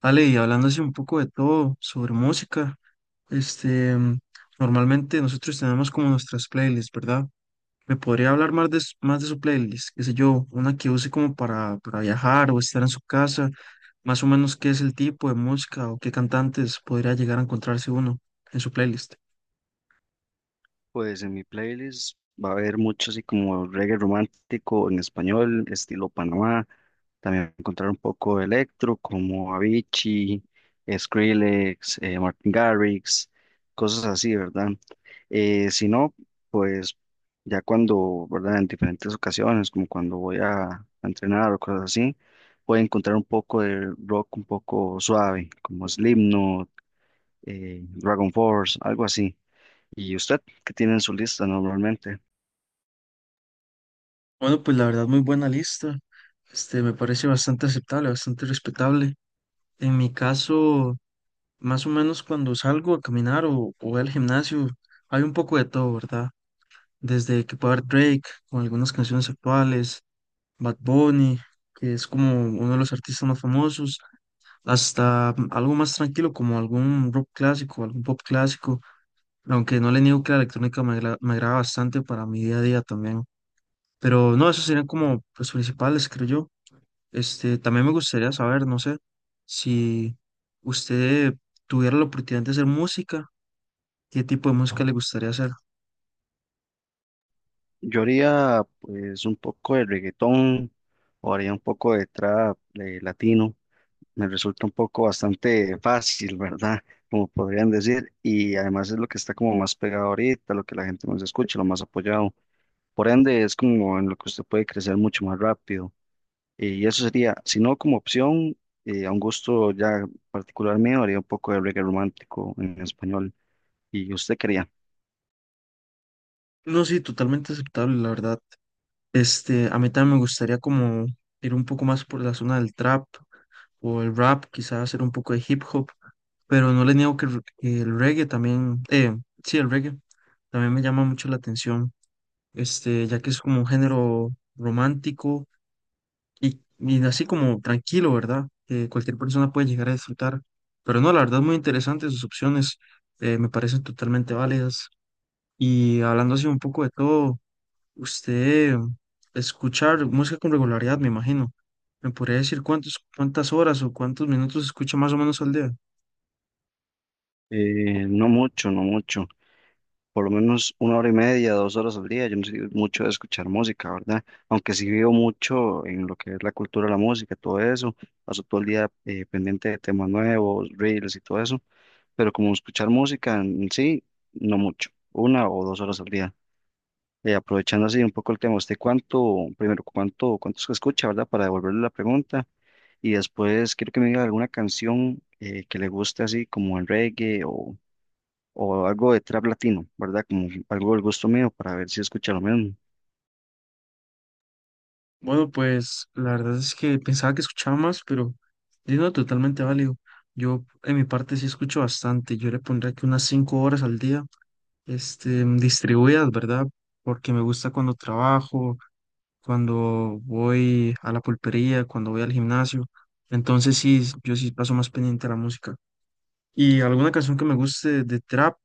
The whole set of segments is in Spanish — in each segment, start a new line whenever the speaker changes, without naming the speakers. Ale, y hablando así un poco de todo sobre música, este, normalmente nosotros tenemos como nuestras playlists, ¿verdad? ¿Me podría hablar más de su playlist? Qué sé yo, una que use como para viajar o estar en su casa, más o menos qué es el tipo de música o qué cantantes podría llegar a encontrarse uno en su playlist.
Pues en mi playlist va a haber mucho así como reggae romántico en español, estilo Panamá. También encontrar un poco de electro como Avicii, Skrillex, Martin Garrix, cosas así, ¿verdad? Si no, pues ya cuando, ¿verdad? En diferentes ocasiones, como cuando voy a entrenar o cosas así, puedo encontrar un poco de rock un poco suave, como Slipknot, Dragon Force, algo así. ¿Y usted qué tiene en su lista normalmente?
Bueno, pues la verdad, muy buena lista. Me parece bastante aceptable, bastante respetable. En mi caso, más o menos cuando salgo a caminar o voy al gimnasio, hay un poco de todo, ¿verdad? Desde que puede haber Drake con algunas canciones actuales, Bad Bunny, que es como uno de los artistas más famosos, hasta algo más tranquilo como algún rock clásico, algún pop clásico, aunque no le niego que la electrónica me agrada bastante para mi día a día también. Pero no, esos serían como los principales, creo yo. También me gustaría saber, no sé, si usted tuviera la oportunidad de hacer música, qué tipo de música le gustaría hacer.
Yo haría pues un poco de reggaetón o haría un poco de trap de latino. Me resulta un poco bastante fácil, ¿verdad? Como podrían decir. Y además es lo que está como más pegado ahorita, lo que la gente más escucha, lo más apoyado. Por ende, es como en lo que usted puede crecer mucho más rápido. Y eso sería, si no como opción, a un gusto ya particular mío, haría un poco de reggae romántico en español. ¿Y usted quería?
No, sí, totalmente aceptable, la verdad. A mí también me gustaría como ir un poco más por la zona del trap o el rap, quizás hacer un poco de hip hop, pero no le niego que el reggae también, sí, el reggae también me llama mucho la atención, ya que es como un género romántico y así como tranquilo, ¿verdad? Que cualquier persona puede llegar a disfrutar. Pero no, la verdad, muy interesantes sus opciones, me parecen totalmente válidas. Y hablando así un poco de todo, usted escucha música con regularidad, me imagino. ¿Me podría decir cuántas horas o cuántos minutos escucha más o menos al día?
No mucho, no mucho. Por lo menos 1 hora y media, 2 horas al día. Yo no soy mucho de escuchar música, ¿verdad? Aunque sí vivo mucho en lo que es la cultura de la música, todo eso. Paso todo el día pendiente de temas nuevos, reels y todo eso. Pero como escuchar música en sí, no mucho. 1 o 2 horas al día. Aprovechando así un poco el tema, ¿usted cuánto, primero, cuánto, cuántos que escucha, ¿verdad? Para devolverle la pregunta. Y después quiero que me diga alguna canción que le guste así como el reggae o algo de trap latino, ¿verdad? Como algo del gusto mío para ver si escucha lo mismo.
Bueno, pues la verdad es que pensaba que escuchaba más, pero yo no, totalmente válido. Yo en mi parte sí escucho bastante. Yo le pondría que unas cinco horas al día, distribuidas, ¿verdad? Porque me gusta cuando trabajo, cuando voy a la pulpería, cuando voy al gimnasio. Entonces sí, yo sí paso más pendiente a la música. Y alguna canción que me guste de trap,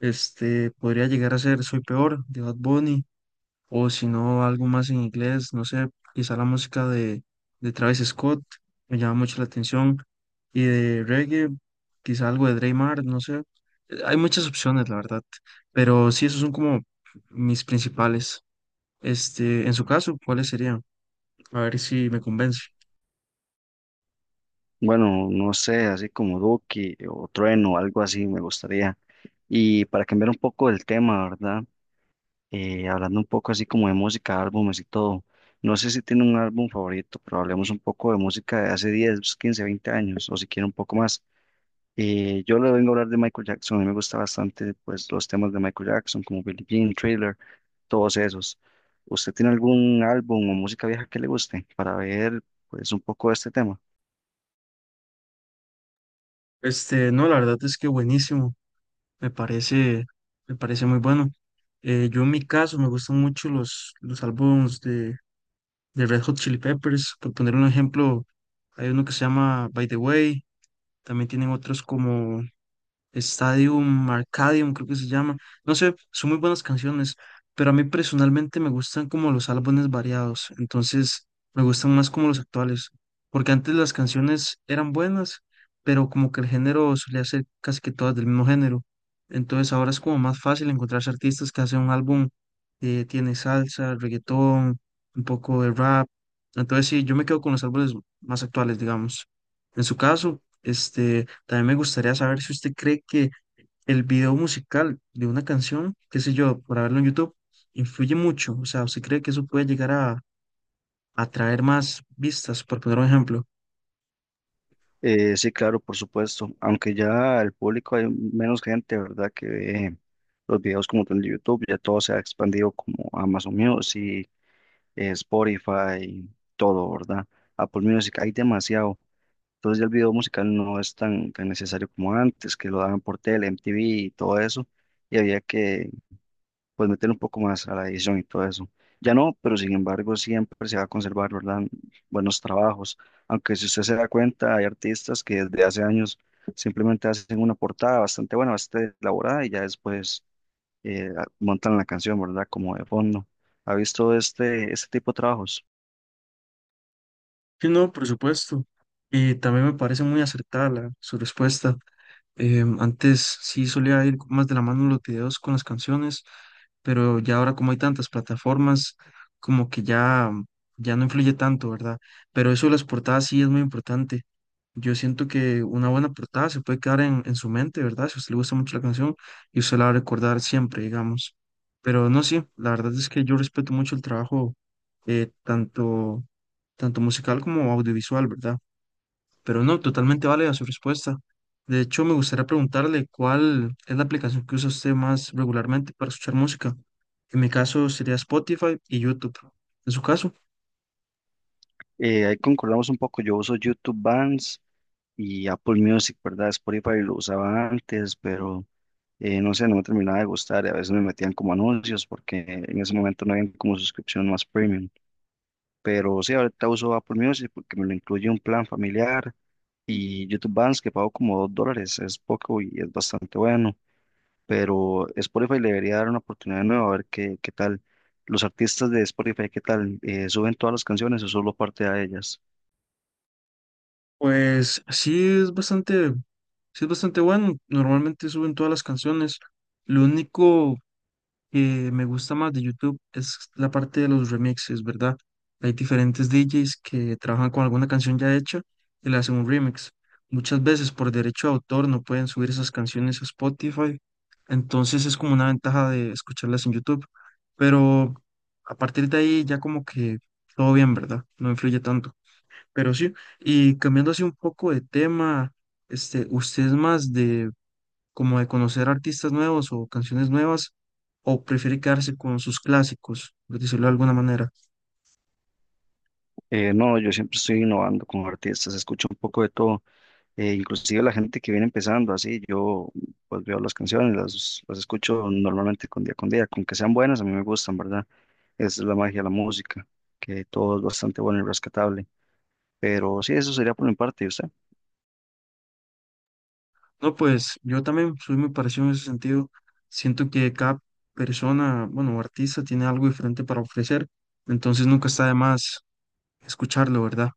podría llegar a ser Soy Peor de Bad Bunny, o si no, algo más en inglés, no sé, quizá la música de Travis Scott, me llama mucho la atención, y de reggae, quizá algo de Dre Mar, no sé. Hay muchas opciones, la verdad, pero sí, esos son como mis principales. En su caso, ¿cuáles serían? A ver si me convence.
Bueno, no sé, así como Duki o Trueno, algo así me gustaría. Y para cambiar un poco el tema, ¿verdad? Hablando un poco así como de música, álbumes y todo. No sé si tiene un álbum favorito, pero hablemos un poco de música de hace 10, 15, 20 años, o si quiere un poco más. Yo le vengo a hablar de Michael Jackson, a mí me gusta bastante pues los temas de Michael Jackson, como Billie Jean, Thriller, todos esos. ¿Usted tiene algún álbum o música vieja que le guste para ver pues un poco de este tema?
No, la verdad es que buenísimo. Me parece, me parece muy bueno. Yo en mi caso me gustan mucho los álbumes de Red Hot Chili Peppers. Por poner un ejemplo, hay uno que se llama By the Way. También tienen otros como Stadium Arcadium, creo que se llama. No sé, son muy buenas canciones, pero a mí personalmente me gustan como los álbumes variados, entonces me gustan más como los actuales, porque antes las canciones eran buenas, pero como que el género solía ser casi que todas del mismo género. Entonces ahora es como más fácil encontrarse artistas que hacen un álbum que tiene salsa, reggaetón, un poco de rap. Entonces sí, yo me quedo con los álbumes más actuales, digamos. En su caso, también me gustaría saber si usted cree que el video musical de una canción, qué sé yo, por haberlo en YouTube, influye mucho. O sea, ¿usted cree que eso puede llegar a atraer más vistas, por poner un ejemplo?
Sí, claro, por supuesto. Aunque ya el público hay menos gente, ¿verdad? Que ve los videos como tal de YouTube, ya todo se ha expandido como Amazon Music, Spotify, todo, ¿verdad? Apple Music, hay demasiado. Entonces ya el video musical no es tan necesario como antes, que lo daban por tele, MTV y todo eso, y había que pues meter un poco más a la edición y todo eso. Ya no, pero sin embargo siempre se va a conservar, ¿verdad? Buenos trabajos. Aunque si usted se da cuenta, hay artistas que desde hace años simplemente hacen una portada bastante buena, bastante elaborada y ya después montan la canción, ¿verdad? Como de fondo. ¿Ha visto este tipo de trabajos?
Sí, no, por supuesto. Y también me parece muy acertada su respuesta. Antes sí solía ir más de la mano los videos con las canciones, pero ya ahora como hay tantas plataformas, como que ya no influye tanto, ¿verdad? Pero eso de las portadas sí es muy importante. Yo siento que una buena portada se puede quedar en su mente, ¿verdad? Si a usted le gusta mucho la canción y usted la va a recordar siempre, digamos. Pero no, sí, la verdad es que yo respeto mucho el trabajo, eh, tanto, tanto musical como audiovisual, ¿verdad? Pero no, totalmente vale a su respuesta. De hecho, me gustaría preguntarle cuál es la aplicación que usa usted más regularmente para escuchar música. En mi caso sería Spotify y YouTube. ¿En su caso?
Ahí concordamos un poco, yo uso YouTube Bands y Apple Music, ¿verdad? Spotify lo usaba antes, pero no sé, no me terminaba de gustar y a veces me metían como anuncios porque en ese momento no había como suscripción más premium. Pero sí, ahorita uso Apple Music porque me lo incluye un plan familiar y YouTube Bands que pago como $2, es poco y es bastante bueno. Pero Spotify le debería dar una oportunidad nueva a ver qué tal. Los artistas de Spotify, ¿qué tal? ¿Suben todas las canciones o solo parte de ellas?
Pues sí es bastante bueno. Normalmente suben todas las canciones. Lo único que me gusta más de YouTube es la parte de los remixes, ¿verdad? Hay diferentes DJs que trabajan con alguna canción ya hecha y le hacen un remix. Muchas veces por derecho de autor no pueden subir esas canciones a Spotify. Entonces es como una ventaja de escucharlas en YouTube. Pero a partir de ahí ya como que todo bien, ¿verdad? No influye tanto. Pero sí, y, cambiando así un poco de tema, ¿usted es más de como de conocer artistas nuevos o canciones nuevas o prefiere quedarse con sus clásicos, por decirlo de alguna manera?
No, yo siempre estoy innovando con artistas, escucho un poco de todo. Inclusive la gente que viene empezando así, yo pues veo las canciones, las escucho normalmente con día con día, con que sean buenas, a mí me gustan, ¿verdad? Esa es la magia de la música, que todo es bastante bueno y rescatable. Pero sí, eso sería por mi parte, ¿y usted?
No, pues yo también soy muy parecido en ese sentido. Siento que cada persona, bueno, o artista tiene algo diferente para ofrecer, entonces nunca está de más escucharlo, ¿verdad?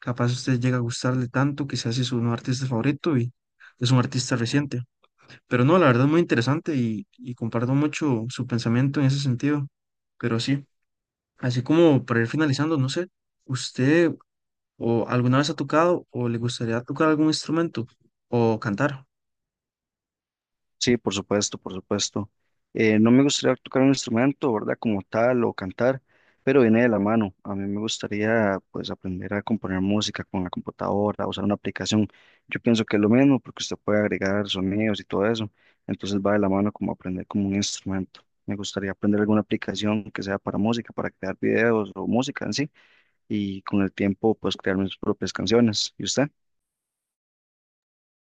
Capaz usted llega a gustarle tanto que se hace su nuevo artista favorito y es un artista reciente. Pero no, la verdad es muy interesante y comparto mucho su pensamiento en ese sentido. Pero sí, así como para ir finalizando, no sé, ¿usted o alguna vez ha tocado o le gustaría tocar algún instrumento o cantar?
Sí, por supuesto, por supuesto. No me gustaría tocar un instrumento, ¿verdad? Como tal o cantar, pero viene de la mano. A mí me gustaría, pues, aprender a componer música con la computadora, usar una aplicación. Yo pienso que es lo mismo porque usted puede agregar sonidos y todo eso. Entonces va de la mano como aprender como un instrumento. Me gustaría aprender alguna aplicación que sea para música, para crear videos o música en sí, y con el tiempo, pues, crear mis propias canciones. ¿Y usted?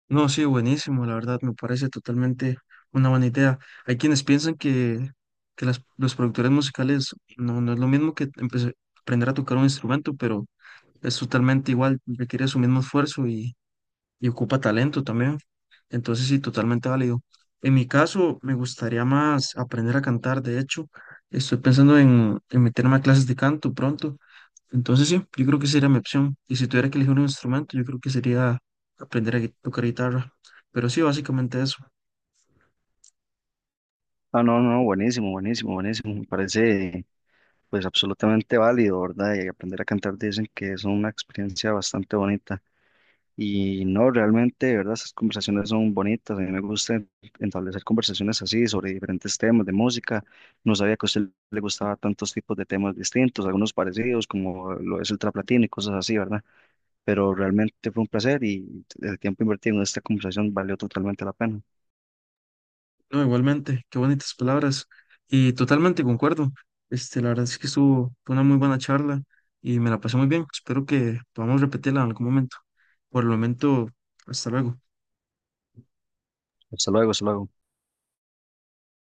No, sí, buenísimo, la verdad me parece totalmente una buena idea. Hay quienes piensan que los productores musicales no es lo mismo que aprender a tocar un instrumento, pero es totalmente igual, requiere su mismo esfuerzo y ocupa talento también. Entonces sí, totalmente válido. En mi caso, me gustaría más aprender a cantar. De hecho, estoy pensando en meterme a clases de canto pronto. Entonces sí, yo creo que sería mi opción. Y si tuviera que elegir un instrumento, yo creo que sería aprender a tocar guitarra. Pero sí, básicamente eso.
Ah, no, no, buenísimo, buenísimo, buenísimo. Me parece pues absolutamente válido, ¿verdad? Y aprender a cantar dicen que es una experiencia bastante bonita. Y no, realmente, de ¿verdad? Esas conversaciones son bonitas. A mí me gusta establecer conversaciones así sobre diferentes temas de música. No sabía que a usted le gustaba tantos tipos de temas distintos, algunos parecidos, como lo es el trap latino y cosas así, ¿verdad? Pero realmente fue un placer y el tiempo invertido en esta conversación valió totalmente la pena.
No, igualmente, qué bonitas palabras. Y totalmente concuerdo. La verdad es que estuvo fue una muy buena charla y me la pasé muy bien. Espero que podamos repetirla en algún momento. Por el momento, hasta luego.
Hasta luego, hasta luego.